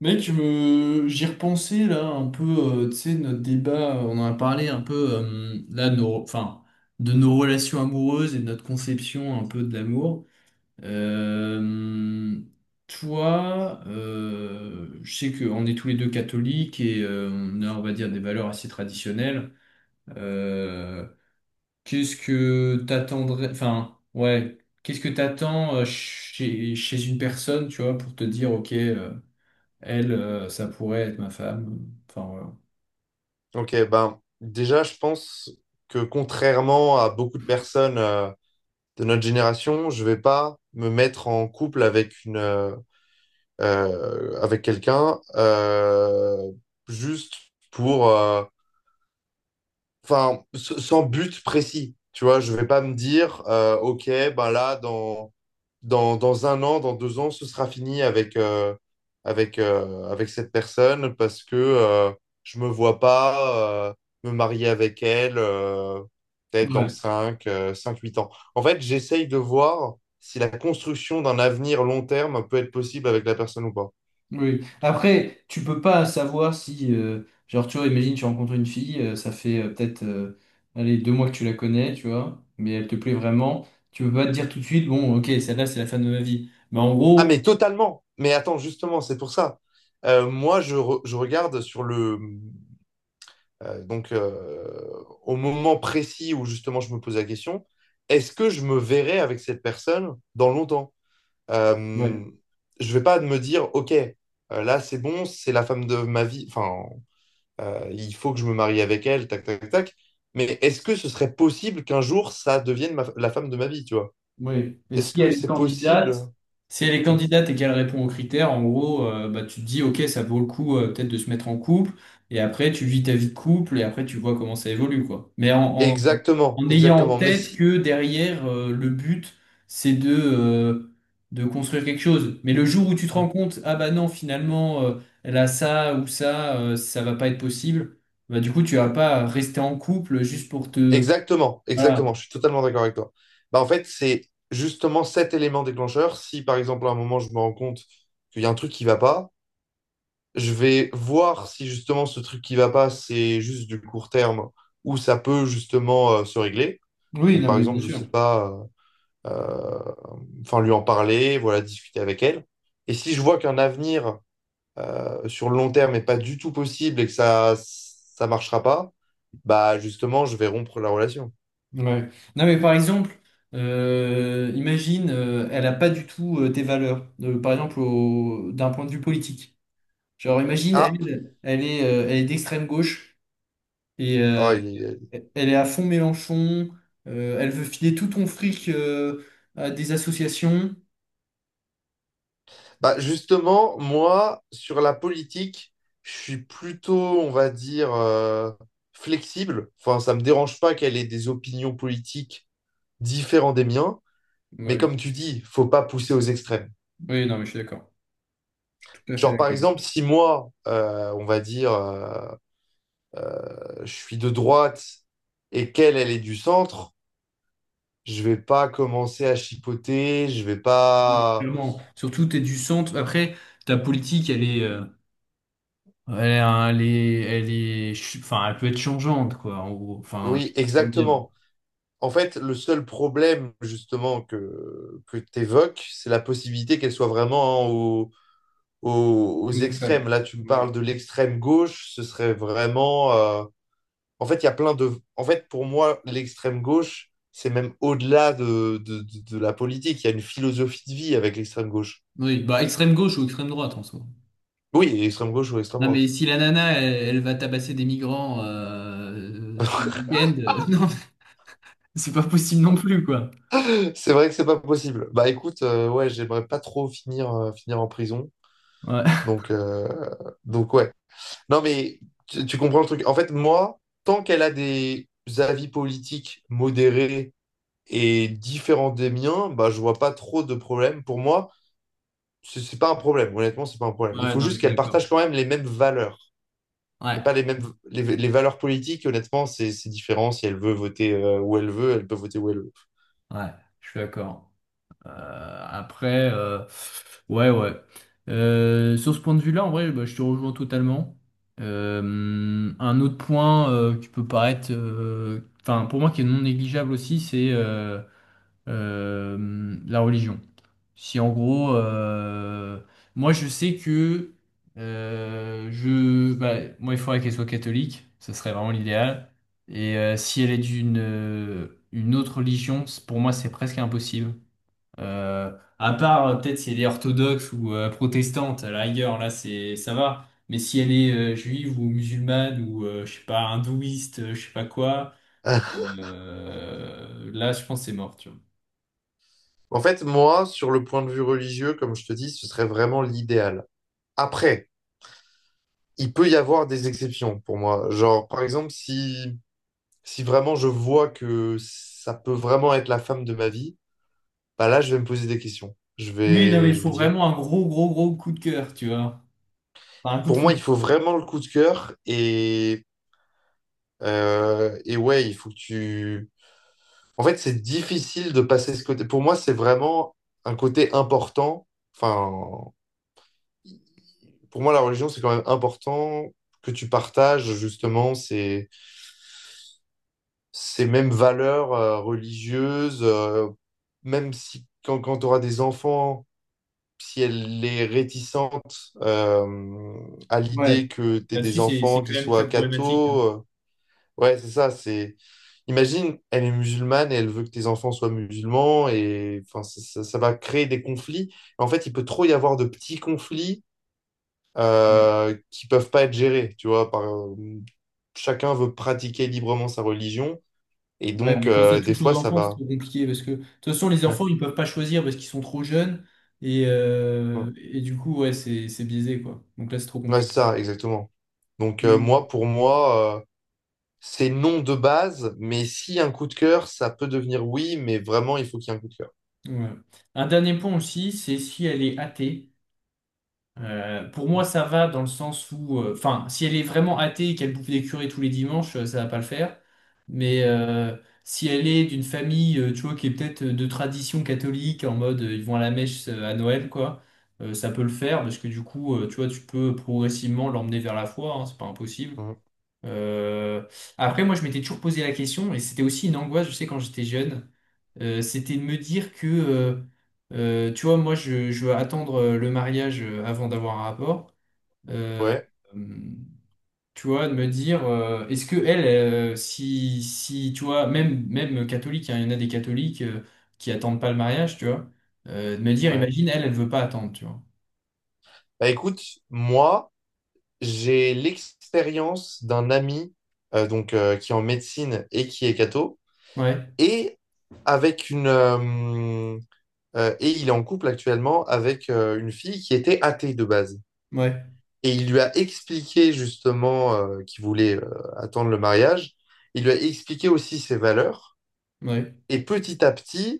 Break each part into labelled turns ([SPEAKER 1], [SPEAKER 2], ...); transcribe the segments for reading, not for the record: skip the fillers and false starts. [SPEAKER 1] Mec, je me j'y repensais là un peu, tu sais, notre débat, on en a parlé un peu là, enfin, de nos relations amoureuses et de notre conception un peu de l'amour. Euh, toi, je sais qu'on est tous les deux catholiques et on a, on va dire, des valeurs assez traditionnelles. Euh, qu'est-ce que t'attendrais, enfin, ouais, qu'est-ce que t'attends chez une personne, tu vois, pour te dire, ok, elle, ça pourrait être ma femme. Enfin, voilà.
[SPEAKER 2] Ok, ben déjà, je pense que contrairement à beaucoup de personnes de notre génération, je vais pas me mettre en couple avec quelqu'un juste pour enfin sans but précis. Tu vois, je vais pas me dire ok, ben là dans un an, dans 2 ans, ce sera fini avec cette personne parce que je me vois pas me marier avec elle peut-être dans
[SPEAKER 1] Ouais,
[SPEAKER 2] 5-8 ans. En fait, j'essaye de voir si la construction d'un avenir long terme peut être possible avec la personne ou pas.
[SPEAKER 1] oui. Après, tu peux pas savoir si, genre, tu vois, imagine, tu rencontres une fille, ça fait peut-être, allez, 2 mois que tu la connais, tu vois, mais elle te plaît vraiment. Tu peux pas te dire tout de suite, bon, ok, celle-là, c'est la femme de ma vie. Mais en
[SPEAKER 2] Ah,
[SPEAKER 1] gros,
[SPEAKER 2] mais totalement. Mais attends, justement, c'est pour ça. Moi, je regarde sur le, donc, au moment précis où justement je me pose la question, est-ce que je me verrai avec cette personne dans longtemps? Euh, je vais pas me dire, OK, là c'est bon, c'est la femme de ma vie, enfin, il faut que je me marie avec elle, tac, tac, tac. Mais est-ce que ce serait possible qu'un jour ça devienne la femme de ma vie, tu vois?
[SPEAKER 1] oui. Et
[SPEAKER 2] Est-ce
[SPEAKER 1] si
[SPEAKER 2] que
[SPEAKER 1] elle est
[SPEAKER 2] c'est possible?
[SPEAKER 1] candidate, si elle est
[SPEAKER 2] Mm.
[SPEAKER 1] candidate et qu'elle répond aux critères, en gros, bah, tu te dis, ok, ça vaut le coup peut-être de se mettre en couple. Et après, tu vis ta vie de couple et après, tu vois comment ça évolue, quoi. Mais
[SPEAKER 2] Exactement,
[SPEAKER 1] en ayant en
[SPEAKER 2] exactement. Mais
[SPEAKER 1] tête
[SPEAKER 2] si.
[SPEAKER 1] que derrière, le but, c'est de construire quelque chose. Mais le jour où tu te rends
[SPEAKER 2] Mmh.
[SPEAKER 1] compte, ah bah non, finalement, elle a ça ou ça, ça va pas être possible, bah du coup, tu vas pas rester en couple juste pour te...
[SPEAKER 2] Exactement,
[SPEAKER 1] Voilà.
[SPEAKER 2] exactement, je suis totalement d'accord avec toi. Bah, en fait, c'est justement cet élément déclencheur. Si par exemple à un moment je me rends compte qu'il y a un truc qui va pas, je vais voir si justement ce truc qui va pas, c'est juste du court terme ou ça peut justement se régler.
[SPEAKER 1] Oui,
[SPEAKER 2] Donc
[SPEAKER 1] non,
[SPEAKER 2] par
[SPEAKER 1] mais bien
[SPEAKER 2] exemple, je
[SPEAKER 1] sûr.
[SPEAKER 2] sais pas, euh, enfin lui en parler, voilà, discuter avec elle. Et si je vois qu'un avenir sur le long terme n'est pas du tout possible et que ça marchera pas, bah justement, je vais rompre la relation.
[SPEAKER 1] Ouais. Non, mais par exemple, imagine, elle a pas du tout tes valeurs, par exemple, d'un point de vue politique. Genre, imagine,
[SPEAKER 2] Ah,
[SPEAKER 1] elle est d'extrême gauche et
[SPEAKER 2] oh.
[SPEAKER 1] elle est à fond Mélenchon, elle veut filer tout ton fric à des associations.
[SPEAKER 2] Bah, justement, moi, sur la politique, je suis plutôt, on va dire, flexible. Enfin, ça me dérange pas qu'elle ait des opinions politiques différentes des miens. Mais
[SPEAKER 1] Ouais.
[SPEAKER 2] comme tu dis, faut pas pousser aux extrêmes.
[SPEAKER 1] Oui, non, mais je suis d'accord. Tout à fait
[SPEAKER 2] Genre, par
[SPEAKER 1] d'accord.
[SPEAKER 2] exemple, si moi, on va dire, je suis de droite et qu'elle, elle est du centre, je vais pas commencer à chipoter, je vais
[SPEAKER 1] Oui,
[SPEAKER 2] pas...
[SPEAKER 1] clairement. Surtout, tu es du centre. Après, ta politique, Elle est, enfin, elle peut être changeante, quoi, en gros. Enfin, je sais
[SPEAKER 2] Oui,
[SPEAKER 1] pas comment dire.
[SPEAKER 2] exactement. En fait, le seul problème justement que tu évoques, c'est la possibilité qu'elle soit vraiment hein, aux
[SPEAKER 1] Deux extrêmes.
[SPEAKER 2] extrêmes. Là, tu me
[SPEAKER 1] Ouais.
[SPEAKER 2] parles de l'extrême gauche, ce serait vraiment... En fait, il y a plein de... En fait, pour moi, l'extrême gauche, c'est même au-delà de la politique. Il y a une philosophie de vie avec l'extrême gauche.
[SPEAKER 1] Oui, bah extrême gauche ou extrême droite en soi.
[SPEAKER 2] Oui, extrême gauche ou extrême
[SPEAKER 1] Non mais
[SPEAKER 2] droite.
[SPEAKER 1] si la nana elle va tabasser des migrants tout le week-end, non, c'est pas possible non plus quoi.
[SPEAKER 2] C'est vrai que c'est pas possible. Bah écoute, ouais, j'aimerais pas trop finir en prison.
[SPEAKER 1] Ouais.
[SPEAKER 2] Donc, ouais. Non, mais tu comprends le truc. En fait, moi, tant qu'elle a des avis politiques modérés et différents des miens, bah, je vois pas trop de problème. Pour moi, c'est pas un problème. Honnêtement, c'est pas un problème. Il
[SPEAKER 1] Ouais,
[SPEAKER 2] faut
[SPEAKER 1] non, mais
[SPEAKER 2] juste
[SPEAKER 1] je suis
[SPEAKER 2] qu'elle
[SPEAKER 1] d'accord.
[SPEAKER 2] partage quand même les mêmes valeurs. Mais
[SPEAKER 1] Ouais,
[SPEAKER 2] pas les mêmes les valeurs politiques, honnêtement, c'est différent. Si elle veut voter où elle veut, elle peut voter où elle veut.
[SPEAKER 1] ouais, je suis d'accord. Euh, après, euh, ouais, ouais. Sur ce point de vue-là, en vrai, bah, je te rejoins totalement. Un autre point qui peut paraître, enfin, pour moi, qui est non négligeable aussi, c'est la religion. Si en gros, moi je sais que bah, moi il faudrait qu'elle soit catholique, ce serait vraiment l'idéal. Et si elle est d'une une autre religion, pour moi c'est presque impossible. Euh, à part peut-être si elle est orthodoxe ou protestante, à la rigueur, là c'est ça va. Mais si elle est juive ou musulmane ou je sais pas hindouiste, je sais pas quoi, là je pense que c'est mort, tu vois.
[SPEAKER 2] En fait, moi, sur le point de vue religieux, comme je te dis, ce serait vraiment l'idéal. Après, il peut y avoir des exceptions pour moi. Genre, par exemple, si vraiment je vois que ça peut vraiment être la femme de ma vie, bah là, je vais me poser des questions. Je
[SPEAKER 1] Oui, non, mais
[SPEAKER 2] vais,
[SPEAKER 1] il
[SPEAKER 2] je vais
[SPEAKER 1] faut
[SPEAKER 2] dire.
[SPEAKER 1] vraiment un gros, gros, gros coup de cœur, tu vois. Enfin, un coup de
[SPEAKER 2] Pour moi, il
[SPEAKER 1] foot.
[SPEAKER 2] faut vraiment le coup de cœur et ouais, il faut que tu. En fait, c'est difficile de passer ce côté. Pour moi, c'est vraiment un côté important. Enfin, pour moi, la religion, c'est quand même important que tu partages justement ces mêmes valeurs religieuses, même si quand tu auras des enfants si elle est réticente à
[SPEAKER 1] Ouais.
[SPEAKER 2] l'idée que tu
[SPEAKER 1] Là-dessus,
[SPEAKER 2] des
[SPEAKER 1] c'est
[SPEAKER 2] enfants
[SPEAKER 1] quand
[SPEAKER 2] qui
[SPEAKER 1] même
[SPEAKER 2] soient
[SPEAKER 1] très problématique, hein.
[SPEAKER 2] cathos, ouais, c'est ça, c'est... Imagine, elle est musulmane et elle veut que tes enfants soient musulmans et enfin, ça va créer des conflits. En fait, il peut trop y avoir de petits conflits
[SPEAKER 1] Ouais,
[SPEAKER 2] qui peuvent pas être gérés, tu vois, par, chacun veut pratiquer librement sa religion et
[SPEAKER 1] ouais,
[SPEAKER 2] donc,
[SPEAKER 1] mais quand ça
[SPEAKER 2] des
[SPEAKER 1] touche aux
[SPEAKER 2] fois, ça
[SPEAKER 1] enfants, c'est
[SPEAKER 2] va...
[SPEAKER 1] trop compliqué parce que, de toute façon, les
[SPEAKER 2] Ouais,
[SPEAKER 1] enfants, ils peuvent pas choisir parce qu'ils sont trop jeunes.
[SPEAKER 2] ouais,
[SPEAKER 1] Et du coup, ouais, c'est biaisé, quoi. Donc là, c'est trop
[SPEAKER 2] Ouais,
[SPEAKER 1] compliqué.
[SPEAKER 2] c'est ça, exactement. Donc,
[SPEAKER 1] Et-
[SPEAKER 2] moi, pour moi... C'est non de base, mais si un coup de cœur, ça peut devenir oui, mais vraiment, il faut qu'il y ait un coup de cœur.
[SPEAKER 1] ouais. Un dernier point aussi, c'est si elle est athée. Pour moi, ça va dans le sens où, enfin, si elle est vraiment athée et qu'elle bouffe des curés tous les dimanches, ça va pas le faire. Mais si elle est d'une famille, tu vois, qui est peut-être de tradition catholique, en mode ils vont à la mèche à Noël, quoi, ça peut le faire parce que du coup, tu vois, tu peux progressivement l'emmener vers la foi, hein, c'est pas impossible.
[SPEAKER 2] Mhm.
[SPEAKER 1] Euh, Après, moi, je m'étais toujours posé la question et c'était aussi une angoisse, je sais, quand j'étais jeune. C'était de me dire que, tu vois, moi, je veux attendre le mariage avant d'avoir un rapport. Euh,
[SPEAKER 2] Ouais,
[SPEAKER 1] hum, tu vois, de me dire, est-ce que elle, si, tu vois, même catholique, hein, il y en a des catholiques qui attendent pas le mariage, tu vois, de me dire,
[SPEAKER 2] ouais.
[SPEAKER 1] imagine, elle veut pas attendre, tu vois.
[SPEAKER 2] Bah écoute, moi, j'ai l'expérience d'un ami donc, qui est en médecine et qui est catho,
[SPEAKER 1] Ouais,
[SPEAKER 2] et avec une et il est en couple actuellement avec une fille qui était athée de base.
[SPEAKER 1] ouais,
[SPEAKER 2] Et il lui a expliqué justement qu'il voulait attendre le mariage. Il lui a expliqué aussi ses valeurs.
[SPEAKER 1] ouais,
[SPEAKER 2] Et petit à petit,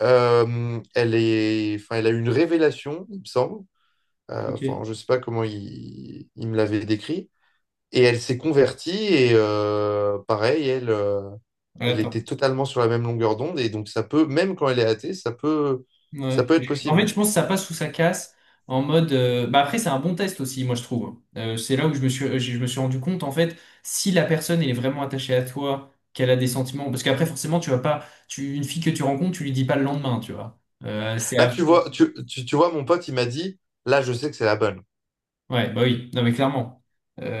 [SPEAKER 2] Enfin, elle a eu une révélation, il me semble. Enfin,
[SPEAKER 1] ok.
[SPEAKER 2] je sais pas comment il me l'avait décrit. Et elle s'est convertie et pareil, elle, euh,
[SPEAKER 1] Elle
[SPEAKER 2] elle était
[SPEAKER 1] attend.
[SPEAKER 2] totalement sur la même longueur d'onde. Et donc ça peut, même quand elle est athée, ça peut, ça
[SPEAKER 1] Ouais.
[SPEAKER 2] peut être
[SPEAKER 1] En fait,
[SPEAKER 2] possible.
[SPEAKER 1] je pense que ça passe ou ça casse en mode. Bah après, c'est un bon test aussi, moi je trouve. C'est là où je me suis rendu compte en fait si la personne elle est vraiment attachée à toi, qu'elle a des sentiments. Parce qu'après, forcément, tu vas pas, tu une fille que tu rencontres, tu lui dis pas le lendemain, tu vois.
[SPEAKER 2] Là, tu vois, tu vois, mon pote, il m'a dit, là, je sais que c'est la bonne.
[SPEAKER 1] Ouais, bah oui, non mais clairement.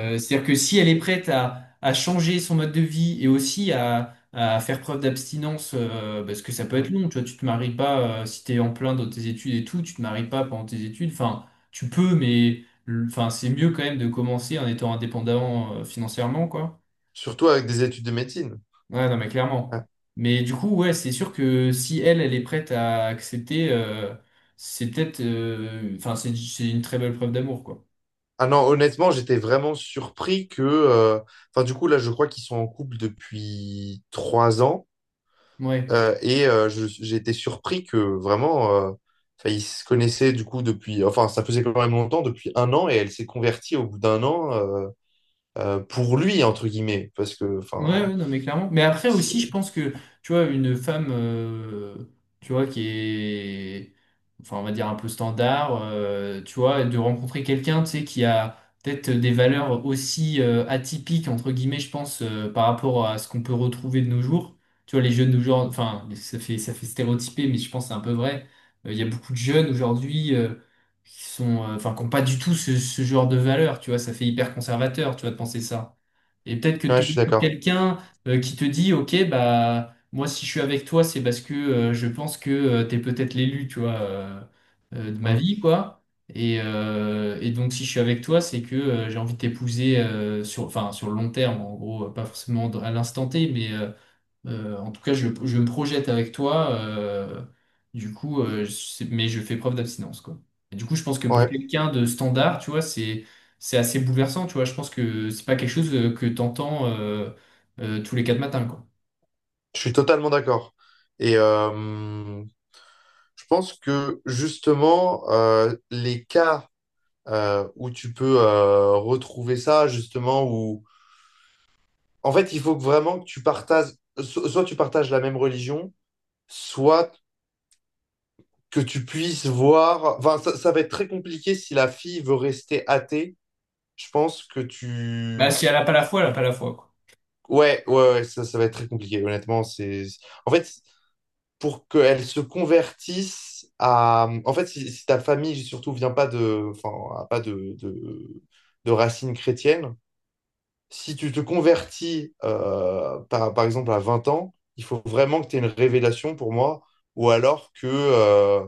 [SPEAKER 2] Mm,
[SPEAKER 1] C'est-à-dire que si elle est prête à changer son mode de vie et aussi à faire preuve d'abstinence, bah, parce que ça peut être
[SPEAKER 2] mm.
[SPEAKER 1] long, tu vois, tu te maries pas si t'es en plein dans tes études et tout, tu te maries pas pendant tes études, enfin, tu peux, mais enfin, c'est mieux quand même de commencer en étant indépendant financièrement, quoi.
[SPEAKER 2] Surtout avec des études de médecine.
[SPEAKER 1] Ouais, non mais
[SPEAKER 2] Ouais.
[SPEAKER 1] clairement. Mais du coup, ouais, c'est sûr que si elle est prête à accepter, c'est peut-être, enfin, c'est une très belle preuve d'amour, quoi.
[SPEAKER 2] Ah non, honnêtement, j'étais vraiment surpris que. Enfin, du coup, là, je crois qu'ils sont en couple depuis 3 ans.
[SPEAKER 1] Ouais.
[SPEAKER 2] Et j'ai été surpris que vraiment, enfin, ils se connaissaient du coup depuis, enfin, ça faisait quand même longtemps, depuis un an, et elle s'est convertie au bout d'un an pour lui, entre guillemets, parce que, enfin,
[SPEAKER 1] Ouais, ouais, non, mais clairement. Mais après aussi, je
[SPEAKER 2] c'est.
[SPEAKER 1] pense que, tu vois, une femme, tu vois, qui est, enfin, on va dire un peu standard, tu vois, de rencontrer quelqu'un, tu sais, qui a peut-être des valeurs aussi atypiques, entre guillemets, je pense, par rapport à ce qu'on peut retrouver de nos jours. Tu vois, les jeunes d'aujourd'hui, enfin, ça fait stéréotyper, mais je pense que c'est un peu vrai. Il y a beaucoup de jeunes aujourd'hui qui sont, enfin, qui n'ont pas du tout ce genre de valeurs, tu vois, ça fait hyper conservateur, tu vois, de penser ça. Et peut-être que
[SPEAKER 2] Ouais, je
[SPEAKER 1] tomber
[SPEAKER 2] suis
[SPEAKER 1] sur
[SPEAKER 2] d'accord.
[SPEAKER 1] quelqu'un qui te dit, OK, bah moi si je suis avec toi, c'est parce que je pense que t'es peut-être l'élu, tu vois, de ma
[SPEAKER 2] Mm.
[SPEAKER 1] vie, quoi. Et donc si je suis avec toi, c'est que j'ai envie de t'épouser enfin, sur le long terme, en gros, pas forcément à l'instant T, mais en tout cas, je me projette avec toi. Mais je fais preuve d'abstinence, quoi. Et du coup, je pense que pour
[SPEAKER 2] Ouais,
[SPEAKER 1] quelqu'un de standard, tu vois, c'est assez bouleversant, tu vois. Je pense que c'est pas quelque chose que t'entends tous les quatre matins, quoi.
[SPEAKER 2] je suis totalement d'accord. Et je pense que justement, les cas où tu peux retrouver ça, justement, où. En fait, il faut que vraiment que tu partages, soit tu partages la même religion soit que tu puisses voir. Enfin, ça va être très compliqué si la fille veut rester athée. Je pense que
[SPEAKER 1] Bah,
[SPEAKER 2] tu.
[SPEAKER 1] si elle a pas la foi, elle a pas la foi, quoi.
[SPEAKER 2] Ouais, ouais, ouais, ça va être très compliqué, honnêtement. C'est... En fait, pour qu'elle se convertisse à. En fait, si ta famille, surtout, vient pas de. Enfin, a pas de racines chrétiennes, si tu te convertis, par exemple, à 20 ans, il faut vraiment que tu aies une révélation pour moi, ou alors que. euh,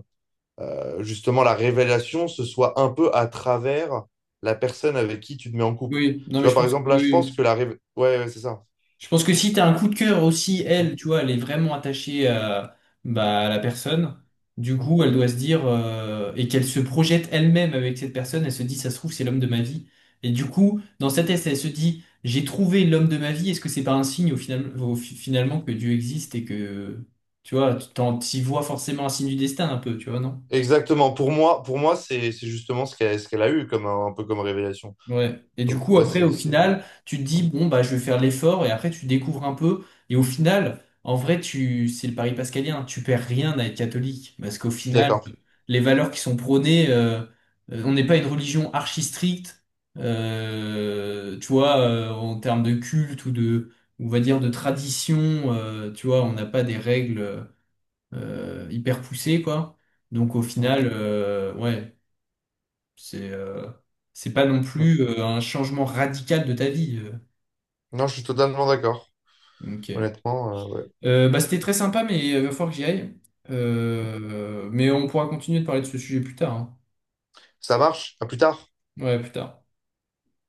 [SPEAKER 2] euh, Justement la révélation, ce soit un peu à travers la personne avec qui tu te mets en couple.
[SPEAKER 1] Oui, non,
[SPEAKER 2] Tu
[SPEAKER 1] mais
[SPEAKER 2] vois,
[SPEAKER 1] je
[SPEAKER 2] par
[SPEAKER 1] pense que
[SPEAKER 2] exemple,
[SPEAKER 1] oui.
[SPEAKER 2] là, je pense
[SPEAKER 1] Oui.
[SPEAKER 2] que la révélation... Ouais, ouais, c'est ça.
[SPEAKER 1] Je pense que si t'as un coup de cœur aussi,
[SPEAKER 2] Mm,
[SPEAKER 1] elle, tu vois, elle est vraiment attachée à, bah, à la personne. Du
[SPEAKER 2] mm.
[SPEAKER 1] coup, elle doit se dire, et qu'elle se projette elle-même avec cette personne, elle se dit, ça se trouve, c'est l'homme de ma vie. Et du coup, dans sa tête, elle se dit, j'ai trouvé l'homme de ma vie, est-ce que c'est pas un signe au final, finalement que Dieu existe et que, tu vois, t'y vois forcément un signe du destin un peu, tu vois, non?
[SPEAKER 2] Exactement. Pour moi, c'est justement ce qu'elle a eu, comme un peu comme révélation.
[SPEAKER 1] Ouais. Et du
[SPEAKER 2] Donc,
[SPEAKER 1] coup,
[SPEAKER 2] ouais,
[SPEAKER 1] après,
[SPEAKER 2] c'est...
[SPEAKER 1] au final, tu te
[SPEAKER 2] mm.
[SPEAKER 1] dis, bon, bah, je vais faire l'effort, et après, tu découvres un peu. Et au final, en vrai, tu, c'est le pari pascalien, tu perds rien à être catholique. Parce qu'au
[SPEAKER 2] Je suis
[SPEAKER 1] final,
[SPEAKER 2] d'accord.
[SPEAKER 1] les valeurs qui sont prônées, on n'est pas une religion archi stricte, tu vois, en termes de culte ou de, on va dire, de tradition, tu vois, on n'a pas des règles, hyper poussées, quoi. Donc, au
[SPEAKER 2] Mm,
[SPEAKER 1] final, ouais. C'est euh, c'est pas non
[SPEAKER 2] mm.
[SPEAKER 1] plus un changement radical de ta vie.
[SPEAKER 2] Non, je suis totalement d'accord.
[SPEAKER 1] Ok.
[SPEAKER 2] Honnêtement, ouais.
[SPEAKER 1] Bah, c'était très sympa, mais il va falloir que j'y aille. Mais on pourra continuer de parler de ce sujet plus tard, hein.
[SPEAKER 2] Ça marche. À plus tard.
[SPEAKER 1] Ouais, plus tard.